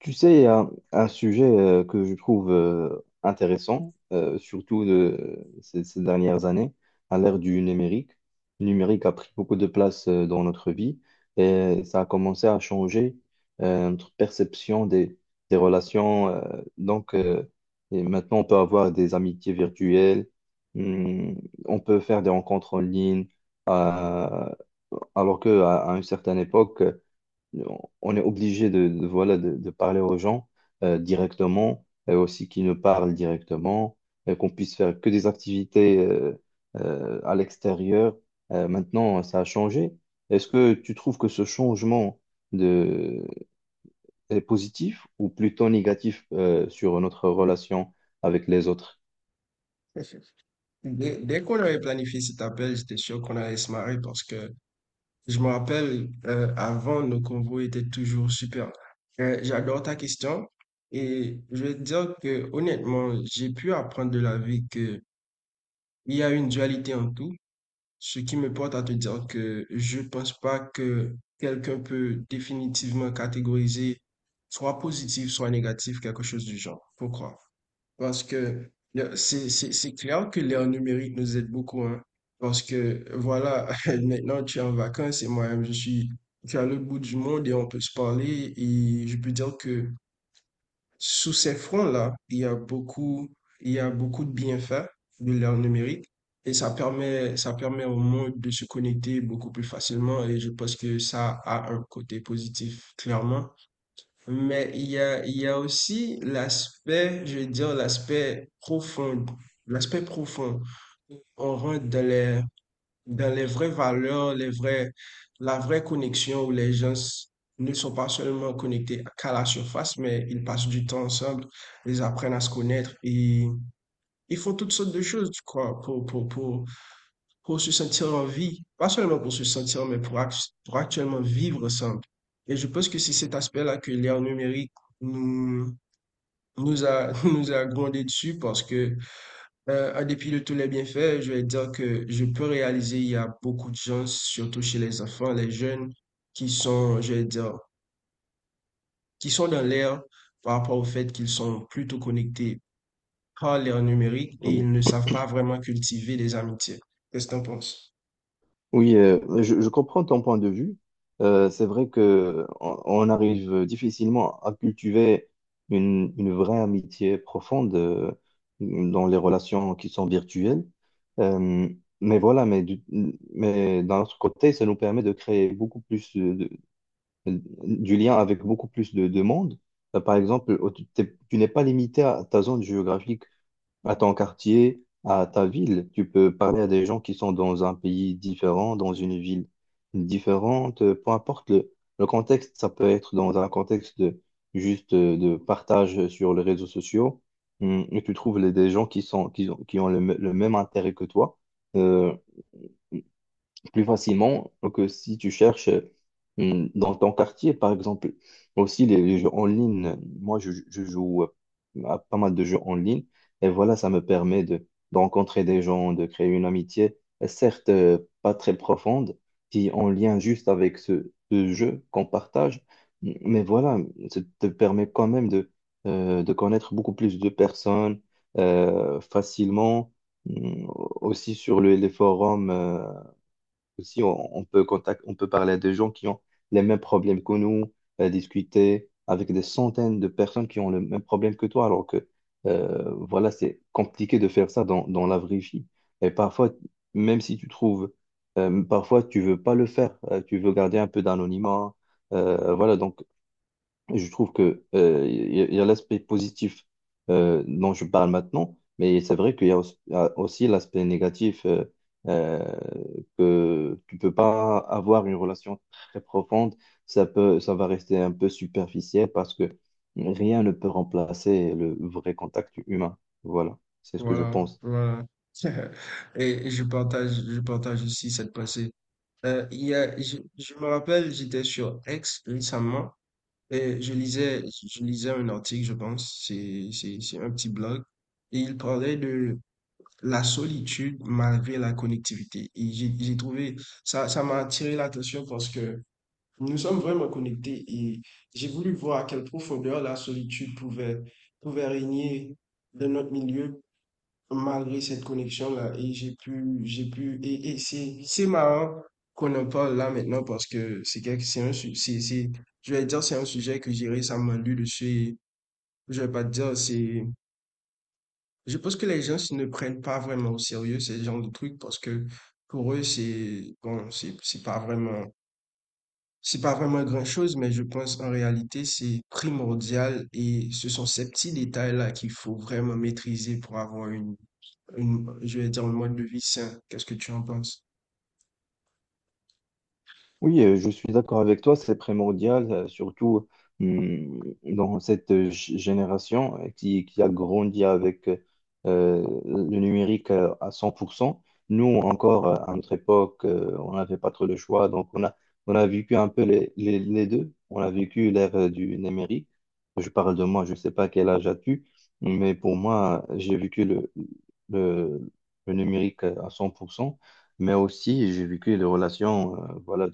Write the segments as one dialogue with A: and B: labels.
A: Tu sais, il y a un sujet que je trouve intéressant, surtout de, ces dernières années, à l'ère du numérique. Le numérique a pris beaucoup de place dans notre vie et ça a commencé à changer notre perception des relations. Donc, euh, et maintenant, on peut avoir des amitiés virtuelles, hum, on peut faire des rencontres en ligne, euh, alors qu'à à une certaine époque, on est obligé voilà, de parler aux gens directement, et aussi qu'ils nous parlent directement, et qu'on puisse faire que des activités à l'extérieur. Maintenant, ça a changé. Est-ce que tu trouves que ce changement de... est positif ou plutôt négatif sur notre relation avec les autres?
B: Dès qu'on avait planifié cet appel, j'étais sûr qu'on allait se marrer parce que je me rappelle, avant, nos convos étaient toujours super. J'adore ta question et je vais te dire que honnêtement, j'ai pu apprendre de la vie que il y a une dualité en tout, ce qui me porte à te dire que je pense pas que quelqu'un peut définitivement catégoriser soit positif, soit négatif, quelque chose du genre. Pourquoi? Parce que c'est clair que l'ère numérique nous aide beaucoup, hein. Parce que voilà, maintenant tu es en vacances et moi je suis, tu es à l'autre bout du monde et on peut se parler. Et je peux dire que sous ces fronts-là, il y a beaucoup, il y a beaucoup de bienfaits de l'ère numérique. Et ça permet au monde de se connecter beaucoup plus facilement. Et je pense que ça a un côté positif, clairement. Mais il y a aussi l'aspect, je veux dire, l'aspect profond. L'aspect profond. On rentre dans les vraies valeurs, les vrais, la vraie connexion où les gens ne sont pas seulement connectés qu'à la surface, mais ils passent du temps ensemble, ils apprennent à se connaître et ils font toutes sortes de choses, quoi, pour se sentir en vie, pas seulement pour se sentir, mais pour, pour actuellement vivre ensemble. Et je pense que c'est cet aspect-là que l'ère numérique nous, nous a, nous a grondé dessus parce que, en dépit de tous les bienfaits, je vais dire que je peux réaliser, il y a beaucoup de gens, surtout chez les enfants, les jeunes, qui sont, je vais dire, qui sont dans l'ère par rapport au fait qu'ils sont plutôt connectés par l'ère numérique et
A: Oui.
B: ils ne savent pas vraiment cultiver des amitiés. Qu'est-ce que tu en penses?
A: Oui, je comprends ton point de vue. C'est vrai que on arrive difficilement à cultiver une vraie amitié profonde dans les relations qui sont virtuelles. Euh, mais voilà, mais d'un autre côté, ça nous permet de créer beaucoup plus du lien avec beaucoup plus de monde. Par exemple, tu n'es pas limité à ta zone géographique, à ton quartier, à ta ville. Tu peux parler à des gens qui sont dans un pays différent, dans une ville différente, peu importe le contexte. Ça peut être dans un contexte de, juste de partage sur les réseaux sociaux. Hum. Et tu trouves des gens qui sont, qui ont le même intérêt que toi. Euh, Plus facilement que si tu cherches dans ton quartier, par exemple. Aussi, les jeux en ligne, moi, je joue à pas mal de jeux en ligne, et voilà, ça me permet de rencontrer des gens, de créer une amitié, certes pas très profonde, qui est en lien juste avec ce jeu qu'on partage, mais voilà, ça te permet quand même de connaître beaucoup plus de personnes facilement. Mm. Aussi sur les forums. Aussi, on peut on peut parler à des gens qui ont les mêmes problèmes que nous, discuter avec des centaines de personnes qui ont le même problème que toi, alors que voilà, c'est compliqué de faire ça dans la vraie vie. Et parfois, même si tu trouves, parfois tu veux pas le faire, tu veux garder un peu d'anonymat. Voilà, donc. Et je trouve que il y a l'aspect positif dont je parle maintenant, mais c'est vrai qu'il y a aussi l'aspect négatif, euh, que tu peux pas avoir une relation très profonde. Ça peut, ça va rester un peu superficiel parce que rien ne peut remplacer le vrai contact humain. Voilà, c'est ce que je
B: Voilà,
A: pense.
B: voilà. Et je partage aussi cette pensée. Il y a, je me rappelle, j'étais sur X récemment et je lisais un article, je pense, c'est un petit blog, et il parlait de la solitude malgré la connectivité. Et j'ai trouvé, ça m'a attiré l'attention parce que nous sommes vraiment connectés et j'ai voulu voir à quelle profondeur la solitude pouvait, pouvait régner dans notre milieu malgré cette connexion-là, et j'ai pu, et c'est marrant qu'on en parle là maintenant parce que c'est, je vais dire, c'est un sujet que j'ai récemment lu dessus, et je vais pas te dire, c'est, je pense que les gens ne prennent pas vraiment au sérieux ce genre de trucs parce que pour eux, c'est, bon, c'est pas vraiment grand-chose, mais je pense en réalité, c'est primordial et ce sont ces petits détails-là qu'il faut vraiment maîtriser pour avoir une je vais dire, un mode de vie sain. Qu'est-ce que tu en penses?
A: Oui, je suis d'accord avec toi, c'est primordial, surtout dans cette génération qui a grandi avec le numérique à cent. Pour cent. Nous, encore à notre époque, on n'avait pas trop le choix, donc on a vécu un peu les deux. On a vécu l'ère du numérique. Je parle de moi, je ne sais pas quel âge as-tu, mais pour moi, j'ai vécu le, le numérique à 100%, mais aussi j'ai vécu les relations voilà,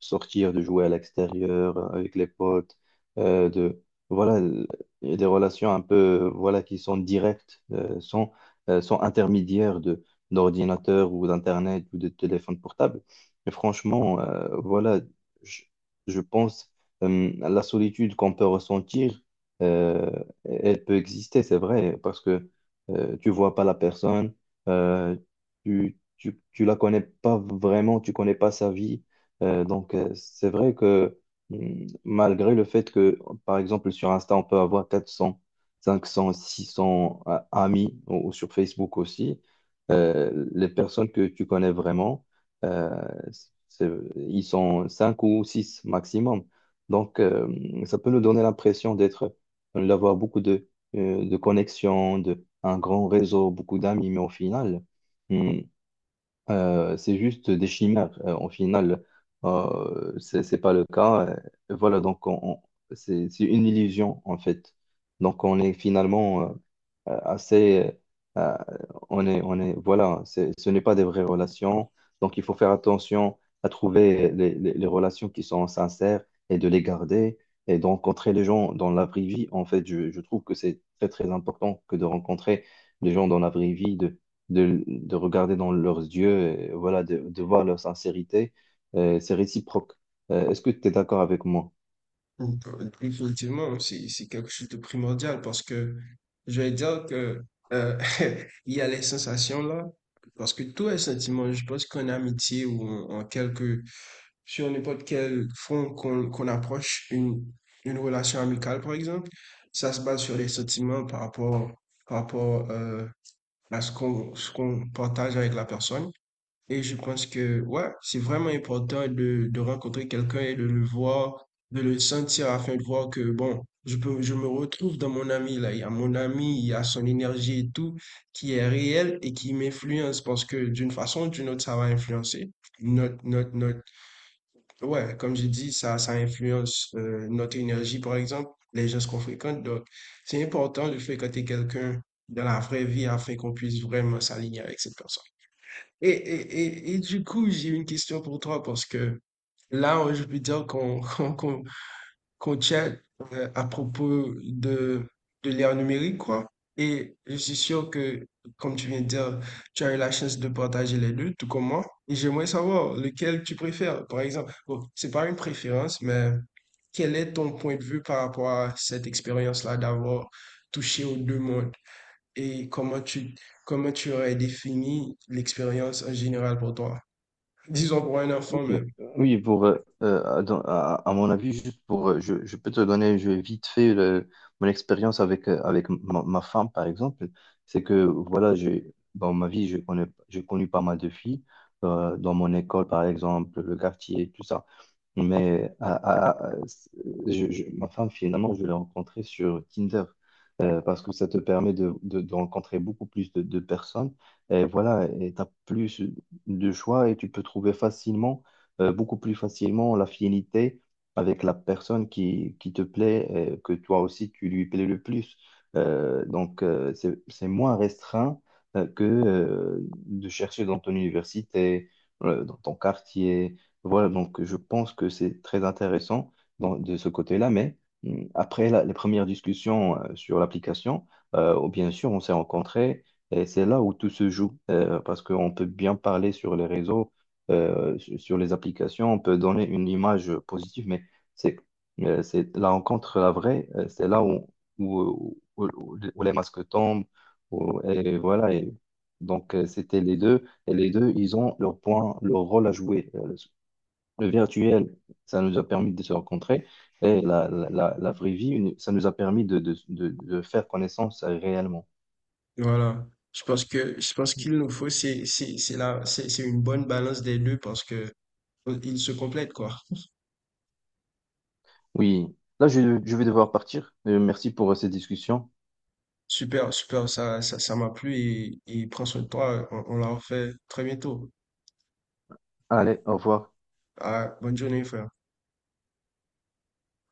A: sortir, de jouer à l'extérieur avec les potes, de voilà, il y a des relations un peu voilà qui sont directes, sans sans intermédiaire de d'ordinateur ou d'internet ou de téléphone portable. Mais franchement, voilà, je, je pense la solitude qu'on peut ressentir, euh, elle peut exister, c'est vrai, parce que tu vois pas la personne, euh, tu la connais pas vraiment, tu connais pas sa vie. C'est vrai que malgré le fait que, par exemple, sur Insta, on peut avoir 400, 500, 600 amis, ou sur Facebook aussi, les personnes que tu connais vraiment, euh, c'est- ils sont 5 ou 6 maximum. Donc, ça peut nous donner l'impression d'être, d'avoir beaucoup de connexions, de, un grand réseau, beaucoup d'amis, mais au final, mm, c'est juste des chimères. En final, c'est pas le cas. Voilà, donc c'est une illusion en fait. Donc on est finalement assez euh, on est voilà, ce n'est pas des vraies relations, donc il faut faire attention à trouver les relations qui sont sincères et de les garder et de rencontrer les gens dans la vraie vie, en fait. Je trouve que c'est très très important que de rencontrer les gens dans la vraie vie, de regarder dans leurs yeux et voilà de voir leur sincérité. C'est réciproque. Est-ce que tu es d'accord avec moi?
B: Mm. Définitivement, c'est quelque chose de primordial parce que je vais dire que euh, il y a les sensations là, parce que tous les sentiments, je pense qu'en amitié ou en, en quelque, sur n'importe quel front qu'on approche une relation amicale par exemple, ça se base sur les sentiments par rapport à ce qu'on partage avec la personne. Et je pense que, ouais, c'est vraiment important de rencontrer quelqu'un et de le voir, de le sentir afin de voir que, bon, je peux, je me retrouve dans mon ami, là. Il y a mon ami, il y a son énergie et tout qui est réel et qui m'influence parce que d'une façon ou d'une autre, ça va influencer. Notre, notre, notre, ouais, comme j'ai dit, ça influence notre énergie, par exemple, les gens qu'on fréquente. Donc, c'est important de fréquenter quelqu'un dans la vraie vie afin qu'on puisse vraiment s'aligner avec cette personne. Et, et, et du coup, j'ai une question pour toi parce que là, je peux dire qu'on qu'on chat à propos de l'ère numérique, quoi. Et je suis sûr que, comme tu viens de dire, tu as eu la chance de partager les deux, tout comme moi. Et j'aimerais savoir lequel tu préfères, par exemple. Bon, c'est pas une préférence, mais quel est ton point de vue par rapport à cette expérience-là d'avoir touché aux deux mondes et comment tu aurais défini l'expérience en général pour toi? Disons pour un
A: Oui,
B: enfant même.
A: oui, pour, à mon avis, juste pour, je peux te donner, je vais vite fait mon expérience avec, avec ma femme, par exemple. C'est que, voilà, dans ma vie, j'ai connu pas mal de filles, dans mon école, par exemple, le quartier, tout ça. Mais ma femme, finalement, je l'ai rencontrée sur Tinder parce que ça te permet de rencontrer beaucoup plus de personnes. Et voilà, et tu as plus de choix et tu peux trouver facilement beaucoup plus facilement l'affinité avec la personne qui te plaît, et que toi aussi tu lui plais le plus. C'est moins restreint que de chercher dans ton université, dans ton quartier. Voilà, donc je pense que c'est très intéressant de ce côté-là, mais après les premières discussions sur l'application, oh, bien sûr, on s'est rencontrés. Et c'est là où tout se joue, parce qu'on peut bien parler sur les réseaux, sur les applications, on peut donner une image positive, mais c'est c'est la rencontre, la vraie, c'est là où les masques tombent, et voilà. Et donc, c'était les deux, et les deux, ils ont leur point, leur rôle à jouer. Le virtuel, ça nous a permis de se rencontrer, et la vraie vie, ça nous a permis de faire connaissance réellement.
B: Voilà. Je pense qu'il nous faut c'est la c'est une bonne balance des deux parce que ils se complètent quoi.
A: Oui, là, je vais devoir partir. Merci pour cette discussion.
B: Super, super, ça m'a plu et prends soin de toi, on l'a refait très bientôt.
A: Allez, au revoir.
B: Ah, bonne journée frère.